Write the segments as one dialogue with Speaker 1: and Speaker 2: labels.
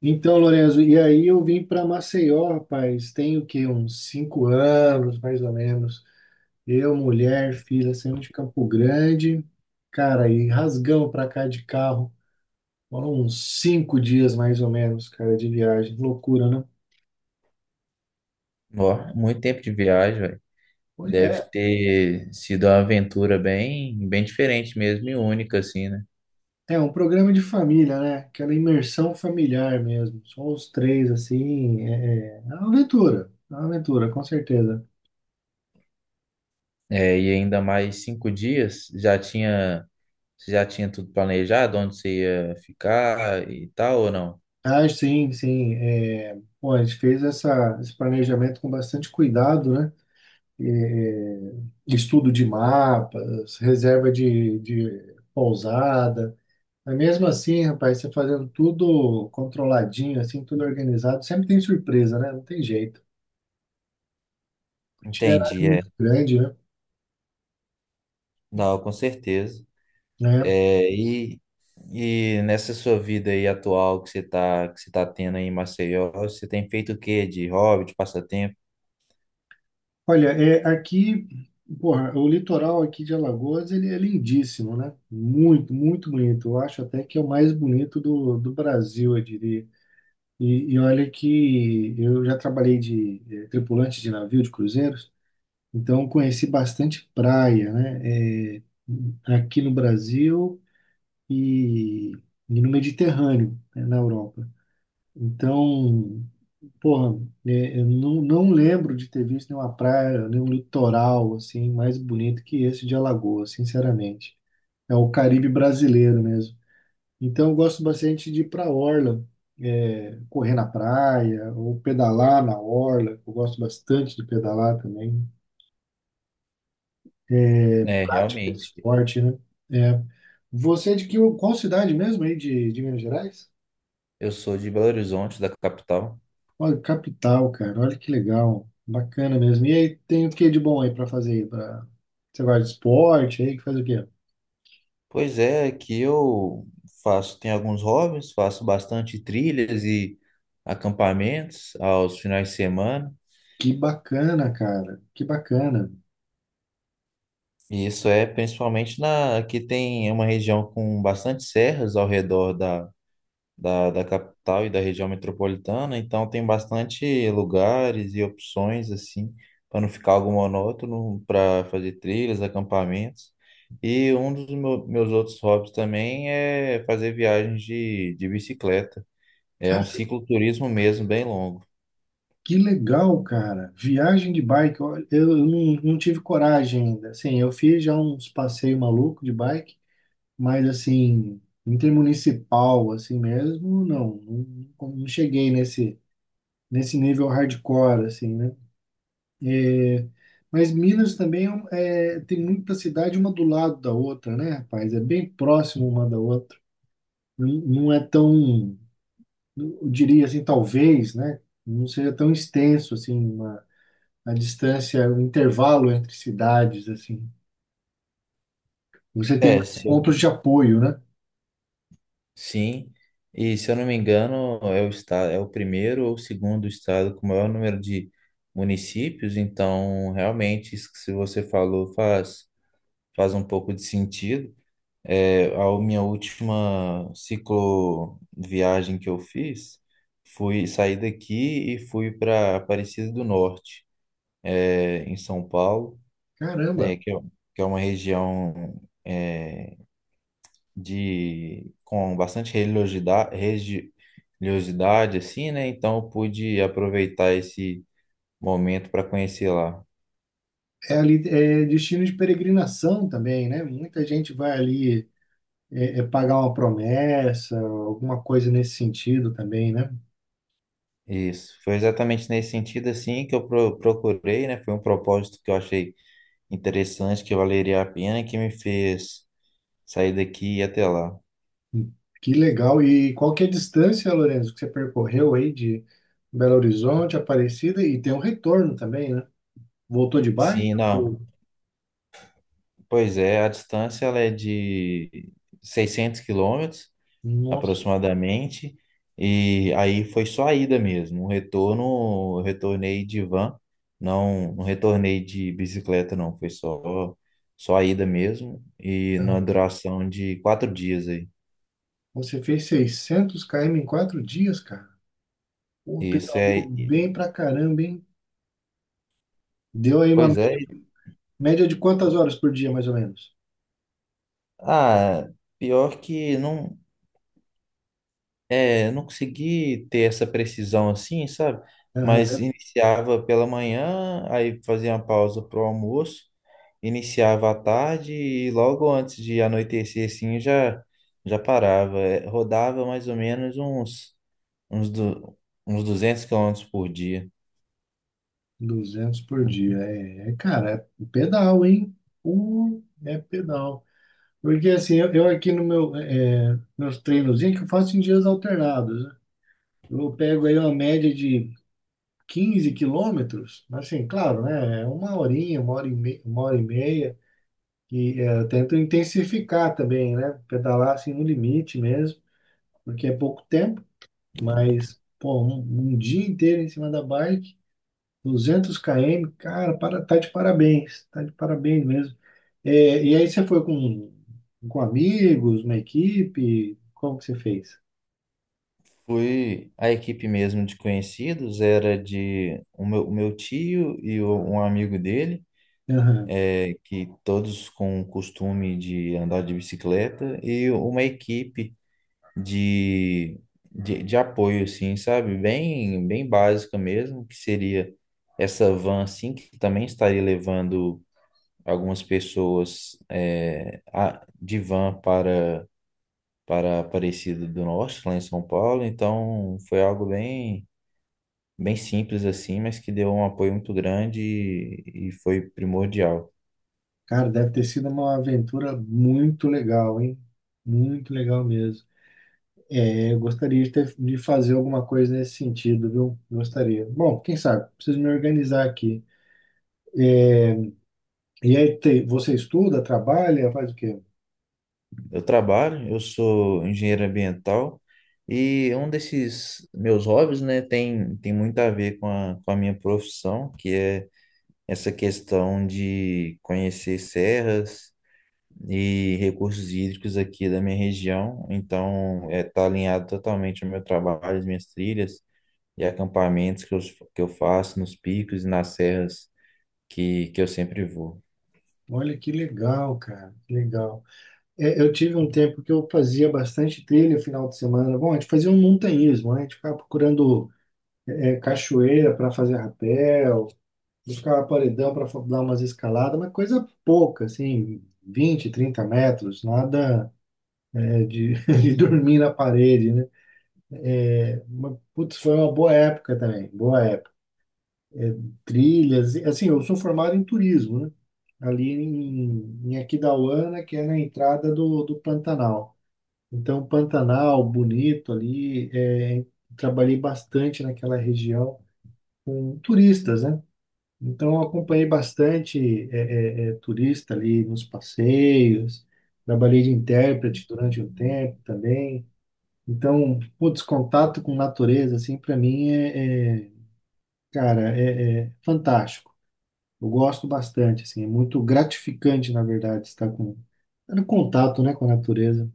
Speaker 1: Então, Lorenzo, e aí eu vim para Maceió, rapaz, tem o quê? Uns 5 anos, mais ou menos. Eu, mulher, filha, saímos de Campo Grande, cara, e rasgamos para cá de carro. Foram uns 5 dias, mais ou menos, cara, de viagem. Loucura, né?
Speaker 2: Ó, muito tempo de viagem, velho.
Speaker 1: Pois
Speaker 2: Deve
Speaker 1: é,
Speaker 2: ter sido uma aventura bem diferente mesmo e única, assim, né?
Speaker 1: é um programa de família, né? Aquela imersão familiar mesmo. Só os três, assim, é uma aventura, é uma aventura, com certeza.
Speaker 2: É, ainda mais 5 dias, você já tinha tudo planejado, onde você ia ficar e tal, ou não?
Speaker 1: Ah, sim, sim. É, bom, a gente fez esse planejamento com bastante cuidado, né? É, estudo de mapas, reserva de pousada. Mas mesmo assim, rapaz, você fazendo tudo controladinho, assim, tudo organizado, sempre tem surpresa, né? Não tem jeito. O itinerário é
Speaker 2: Entendi, é.
Speaker 1: muito grande, né?
Speaker 2: Não, com certeza.
Speaker 1: É.
Speaker 2: É, e, e nessa sua vida aí atual que você tá tendo aí em Maceió, você tem feito o quê? De hobby, de passatempo?
Speaker 1: Olha, é, aqui, porra, o litoral aqui de Alagoas, ele é lindíssimo, né? Muito, muito bonito. Eu acho até que é o mais bonito do Brasil, eu diria. E olha que eu já trabalhei de tripulante de navio de cruzeiros, então conheci bastante praia, né? Aqui no Brasil e, e no Mediterrâneo, né, na Europa. Então, porra, eu não lembro de ter visto nenhuma praia, nenhum litoral assim mais bonito que esse de Alagoas, sinceramente. É o Caribe brasileiro mesmo. Então, eu gosto bastante de ir para a orla, é, correr na praia ou pedalar na orla. Eu gosto bastante de pedalar também.
Speaker 2: É,
Speaker 1: Prática de
Speaker 2: realmente.
Speaker 1: esporte, né? É. Você é qual cidade mesmo aí de Minas Gerais?
Speaker 2: Eu sou de Belo Horizonte, da capital.
Speaker 1: Olha, capital, cara. Olha que legal. Bacana mesmo. E aí, tem o que de bom aí para fazer aí? Pra... Você gosta de esporte aí? Que faz o quê?
Speaker 2: Pois é, que eu faço, tenho alguns hobbies, faço bastante trilhas e acampamentos aos finais de semana.
Speaker 1: Que bacana, cara. Que bacana.
Speaker 2: E isso é principalmente na aqui tem uma região com bastante serras ao redor da capital e da região metropolitana, então tem bastante lugares e opções assim para não ficar algo monótono para fazer trilhas, acampamentos. E um dos meus outros hobbies também é fazer viagens de bicicleta. É um cicloturismo mesmo, bem longo.
Speaker 1: Que legal, cara. Viagem de bike. Olha, eu não tive coragem ainda. Assim, eu fiz já uns passeios malucos de bike, mas assim, intermunicipal, assim mesmo, não. Não cheguei nesse nível hardcore, assim, né? É, mas Minas também é, tem muita cidade uma do lado da outra, né, rapaz? É bem próximo uma da outra. Não, não é tão, eu diria assim, talvez, né? Não seja tão extenso assim, a distância, o intervalo entre cidades, assim. Você tem
Speaker 2: É,
Speaker 1: mais
Speaker 2: se eu-
Speaker 1: pontos de apoio, né?
Speaker 2: sim. E se eu não me engano, é o estado, é o primeiro ou o segundo estado com o maior número de municípios, então realmente isso que se você falou faz um pouco de sentido. É, a minha última cicloviagem que eu fiz, fui sair daqui e fui para Aparecida do Norte, é, em São Paulo, né,
Speaker 1: Caramba,
Speaker 2: que é, que é uma região é, de com bastante religiosidade assim, né? Então eu pude aproveitar esse momento para conhecer lá.
Speaker 1: é ali, é destino de peregrinação também, né? Muita gente vai ali é pagar uma promessa, alguma coisa nesse sentido também, né?
Speaker 2: Isso. Foi exatamente nesse sentido assim que eu procurei, né? Foi um propósito que eu achei interessante, que valeria a pena e que me fez sair daqui e ir até lá.
Speaker 1: Que legal. E qual que é a distância, Lourenço, que você percorreu aí de Belo Horizonte, Aparecida, e tem um retorno também, né? Voltou de bike?
Speaker 2: Sim, não. Pois é, a distância ela é de 600 quilômetros
Speaker 1: Nossa,
Speaker 2: aproximadamente. E aí foi só a ida mesmo. O retorno, eu retornei de van, não, não retornei de bicicleta, não. Só a ida mesmo. E na
Speaker 1: cara,
Speaker 2: duração de 4 dias aí.
Speaker 1: você fez 600 km em 4 dias, cara. Pô,
Speaker 2: Isso
Speaker 1: pedalou
Speaker 2: é.
Speaker 1: bem pra caramba, hein? Deu aí uma
Speaker 2: Pois é.
Speaker 1: média de quantas horas por dia, mais ou menos?
Speaker 2: Ah, pior que não, não consegui ter essa precisão assim, sabe?
Speaker 1: Aham,
Speaker 2: Mas
Speaker 1: né?
Speaker 2: iniciava pela manhã, aí fazia uma pausa pro almoço. Iniciava à tarde e logo antes de anoitecer, assim, já parava. É, rodava mais ou menos uns, du, uns 200 quilômetros por dia.
Speaker 1: 200 por dia. É, cara, é pedal, hein? É pedal. Porque assim, eu aqui no meu, meus treinozinhos é que eu faço em dias alternados, né? Eu pego aí uma média de 15 quilômetros, mas, assim, claro, né? É uma horinha, uma hora e meia, uma hora e meia. E é, eu tento intensificar também, né? Pedalar assim no limite mesmo, porque é pouco tempo. Mas, pô, um dia inteiro em cima da bike, 200 km, cara, para, tá de parabéns mesmo. É, e aí você foi com amigos, uma equipe, como que você fez?
Speaker 2: Fui a equipe mesmo de conhecidos, era de o meu tio e um amigo dele,
Speaker 1: Aham.
Speaker 2: é, que todos com o costume de andar de bicicleta, e uma equipe de, de apoio, assim, sabe? Bem básica mesmo, que seria essa van, assim, que também estaria levando algumas pessoas é, de van para Aparecida do Norte, lá em São Paulo. Então, foi algo bem simples, assim, mas que deu um apoio muito grande e foi primordial.
Speaker 1: Cara, deve ter sido uma aventura muito legal, hein? Muito legal mesmo. É, eu gostaria de fazer alguma coisa nesse sentido, viu? Gostaria. Bom, quem sabe? Preciso me organizar aqui. E aí, você estuda, trabalha, faz o quê?
Speaker 2: Eu trabalho, eu sou engenheiro ambiental e um desses meus hobbies, né, tem muito a ver com a minha profissão, que é essa questão de conhecer serras e recursos hídricos aqui da minha região. Então, é, tá alinhado totalmente ao meu trabalho, às minhas trilhas e acampamentos que eu faço nos picos e nas serras que eu sempre vou.
Speaker 1: Olha que legal, cara, que legal. É, eu tive um tempo que eu fazia bastante trilha no final de semana. Bom, a gente fazia um montanhismo, né? A gente ficava procurando cachoeira para fazer rapel, buscava paredão para dar umas escaladas, mas coisa pouca, assim, 20, 30 metros, nada é, de, de dormir na parede, né? Mas, putz, foi uma boa época também, boa época. É, trilhas. Assim, eu sou formado em turismo, né? Ali em Aquidauana, que é na entrada do Pantanal. Então, Pantanal, bonito ali, é, trabalhei bastante naquela região com turistas, né? Então, eu acompanhei bastante turista ali nos passeios, trabalhei de intérprete durante um tempo também. Então, putz, contato com natureza, assim, para mim cara, é fantástico. Eu gosto bastante, assim, é muito gratificante, na verdade, estar com, estar em contato, né, com a natureza.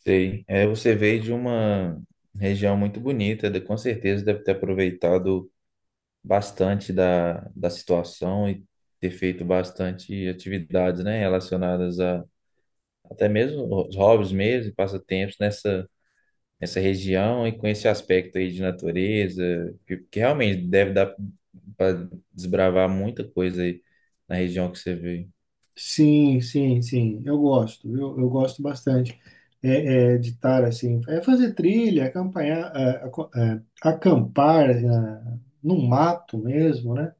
Speaker 2: Sei. É, você veio de uma região muito bonita, com certeza deve ter aproveitado bastante da situação e ter feito bastante atividades, né, relacionadas a até mesmo os hobbies mesmo, passatempos nessa região e com esse aspecto aí de natureza, que realmente deve dar para desbravar muita coisa aí na região que você veio.
Speaker 1: Sim, sim, sim, eu gosto bastante de estar, assim, é fazer trilha, acampanhar, acampar no mato mesmo, né?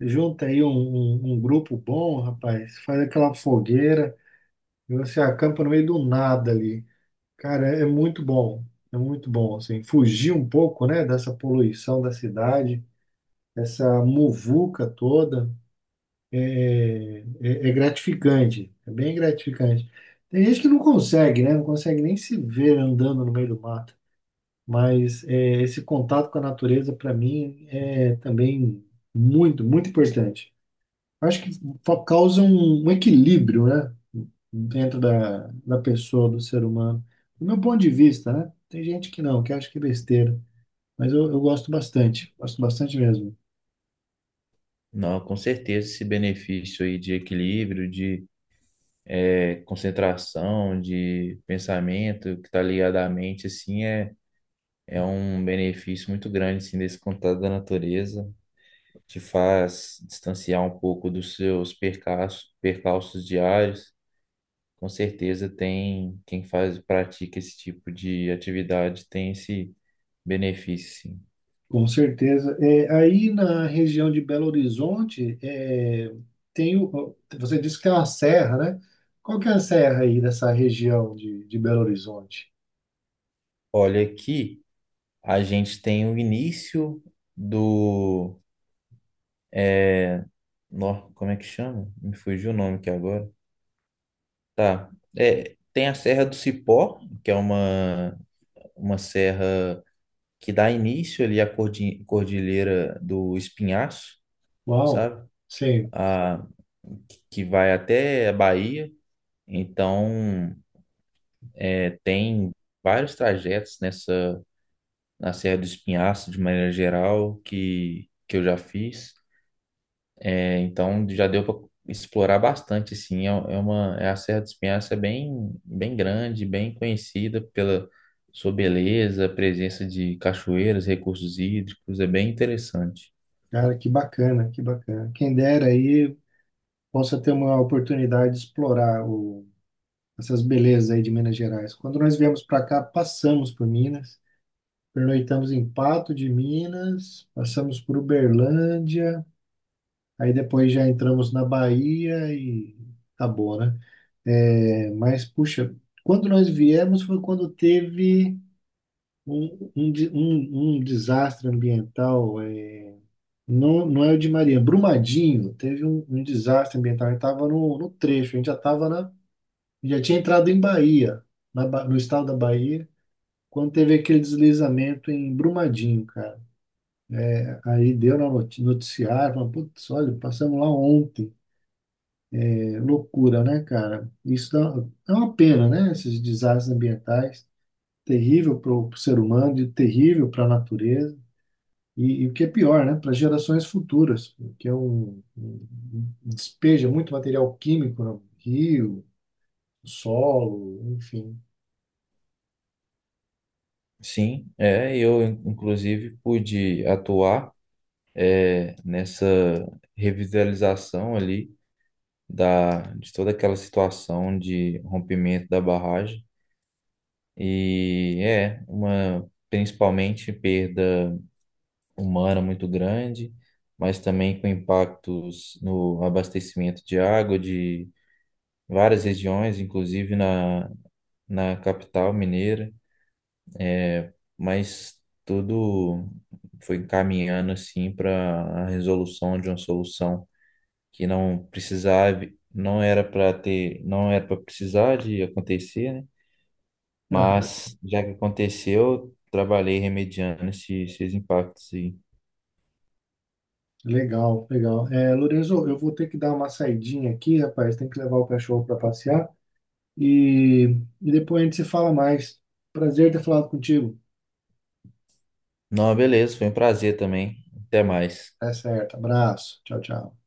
Speaker 1: Junta aí um grupo bom, rapaz, faz aquela fogueira e você acampa no meio do nada ali. Cara, é muito bom, assim, fugir um pouco, né, dessa poluição da cidade, essa muvuca toda é gratificante, é bem gratificante. Tem gente que não consegue, né? Não consegue nem se ver andando no meio do mato, mas é, esse contato com a natureza, para mim, é também muito, muito importante. Acho que causa um equilíbrio, né? Dentro da pessoa, do ser humano. Do meu ponto de vista, né? Tem gente que não, que acha que é besteira, mas eu gosto bastante mesmo.
Speaker 2: Não, com certeza esse benefício aí de equilíbrio, de concentração, de pensamento que está ligado à mente, assim, é, é um benefício muito grande, assim, desse contato da natureza. Te faz distanciar um pouco dos seus percalços, percalços diários. Com certeza tem quem faz, pratica esse tipo de atividade, tem esse benefício, sim.
Speaker 1: Com certeza. É, aí na região de Belo Horizonte, é, você disse que é uma serra, né? Qual que é a serra aí dessa região de Belo Horizonte?
Speaker 2: Olha aqui, a gente tem o início do... É, nó- como é que chama? Me fugiu o nome aqui agora. Tá. É, tem a Serra do Cipó, que é uma serra que dá início ali à Cordilheira do Espinhaço,
Speaker 1: Uau!
Speaker 2: sabe?
Speaker 1: Sim,
Speaker 2: A, que vai até a Bahia. Então, é, tem vários trajetos nessa na Serra do Espinhaço, de maneira geral, que eu já fiz. É, então já deu para explorar bastante, sim. É, é uma é a Serra do Espinhaço é bem grande, bem conhecida pela sua beleza, presença de cachoeiras, recursos hídricos, é bem interessante.
Speaker 1: cara, que bacana, que bacana. Quem dera aí possa ter uma oportunidade de explorar essas belezas aí de Minas Gerais. Quando nós viemos para cá, passamos por Minas, pernoitamos em Pato de Minas, passamos por Uberlândia, aí depois já entramos na Bahia e acabou, né? É, mas, puxa, quando nós viemos foi quando teve um desastre ambiental. Não, não é o de Maria, Brumadinho. Teve um desastre ambiental. A gente estava no trecho, a gente já estava já tinha entrado em Bahia, no estado da Bahia, quando teve aquele deslizamento em Brumadinho, cara. Aí deu na noticiário, falando, putz, olha, passamos lá ontem. É loucura, né, cara? Isso dá, é uma pena, né? Esses desastres ambientais, terrível para o ser humano e terrível para a natureza. E o que é pior, né? Para gerações futuras, porque é um despeja muito material químico no rio, no solo, enfim.
Speaker 2: Sim, é, eu inclusive pude atuar é, nessa revitalização ali da de toda aquela situação de rompimento da barragem e é uma principalmente perda humana muito grande, mas também com impactos no abastecimento de água de várias regiões, inclusive na capital mineira, mas tudo foi encaminhando assim para a resolução de uma solução que não precisava, não era para ter, não era para precisar de acontecer, né?
Speaker 1: Aham.
Speaker 2: Mas já que aconteceu, trabalhei remediando esses impactos e
Speaker 1: Legal, legal. É, Lorenzo, eu vou ter que dar uma saidinha aqui, rapaz. Tem que levar o cachorro para passear. E depois a gente se fala mais. Prazer ter falado contigo.
Speaker 2: não, beleza, foi um prazer também. Até mais.
Speaker 1: Tá certo. Abraço. Tchau, tchau.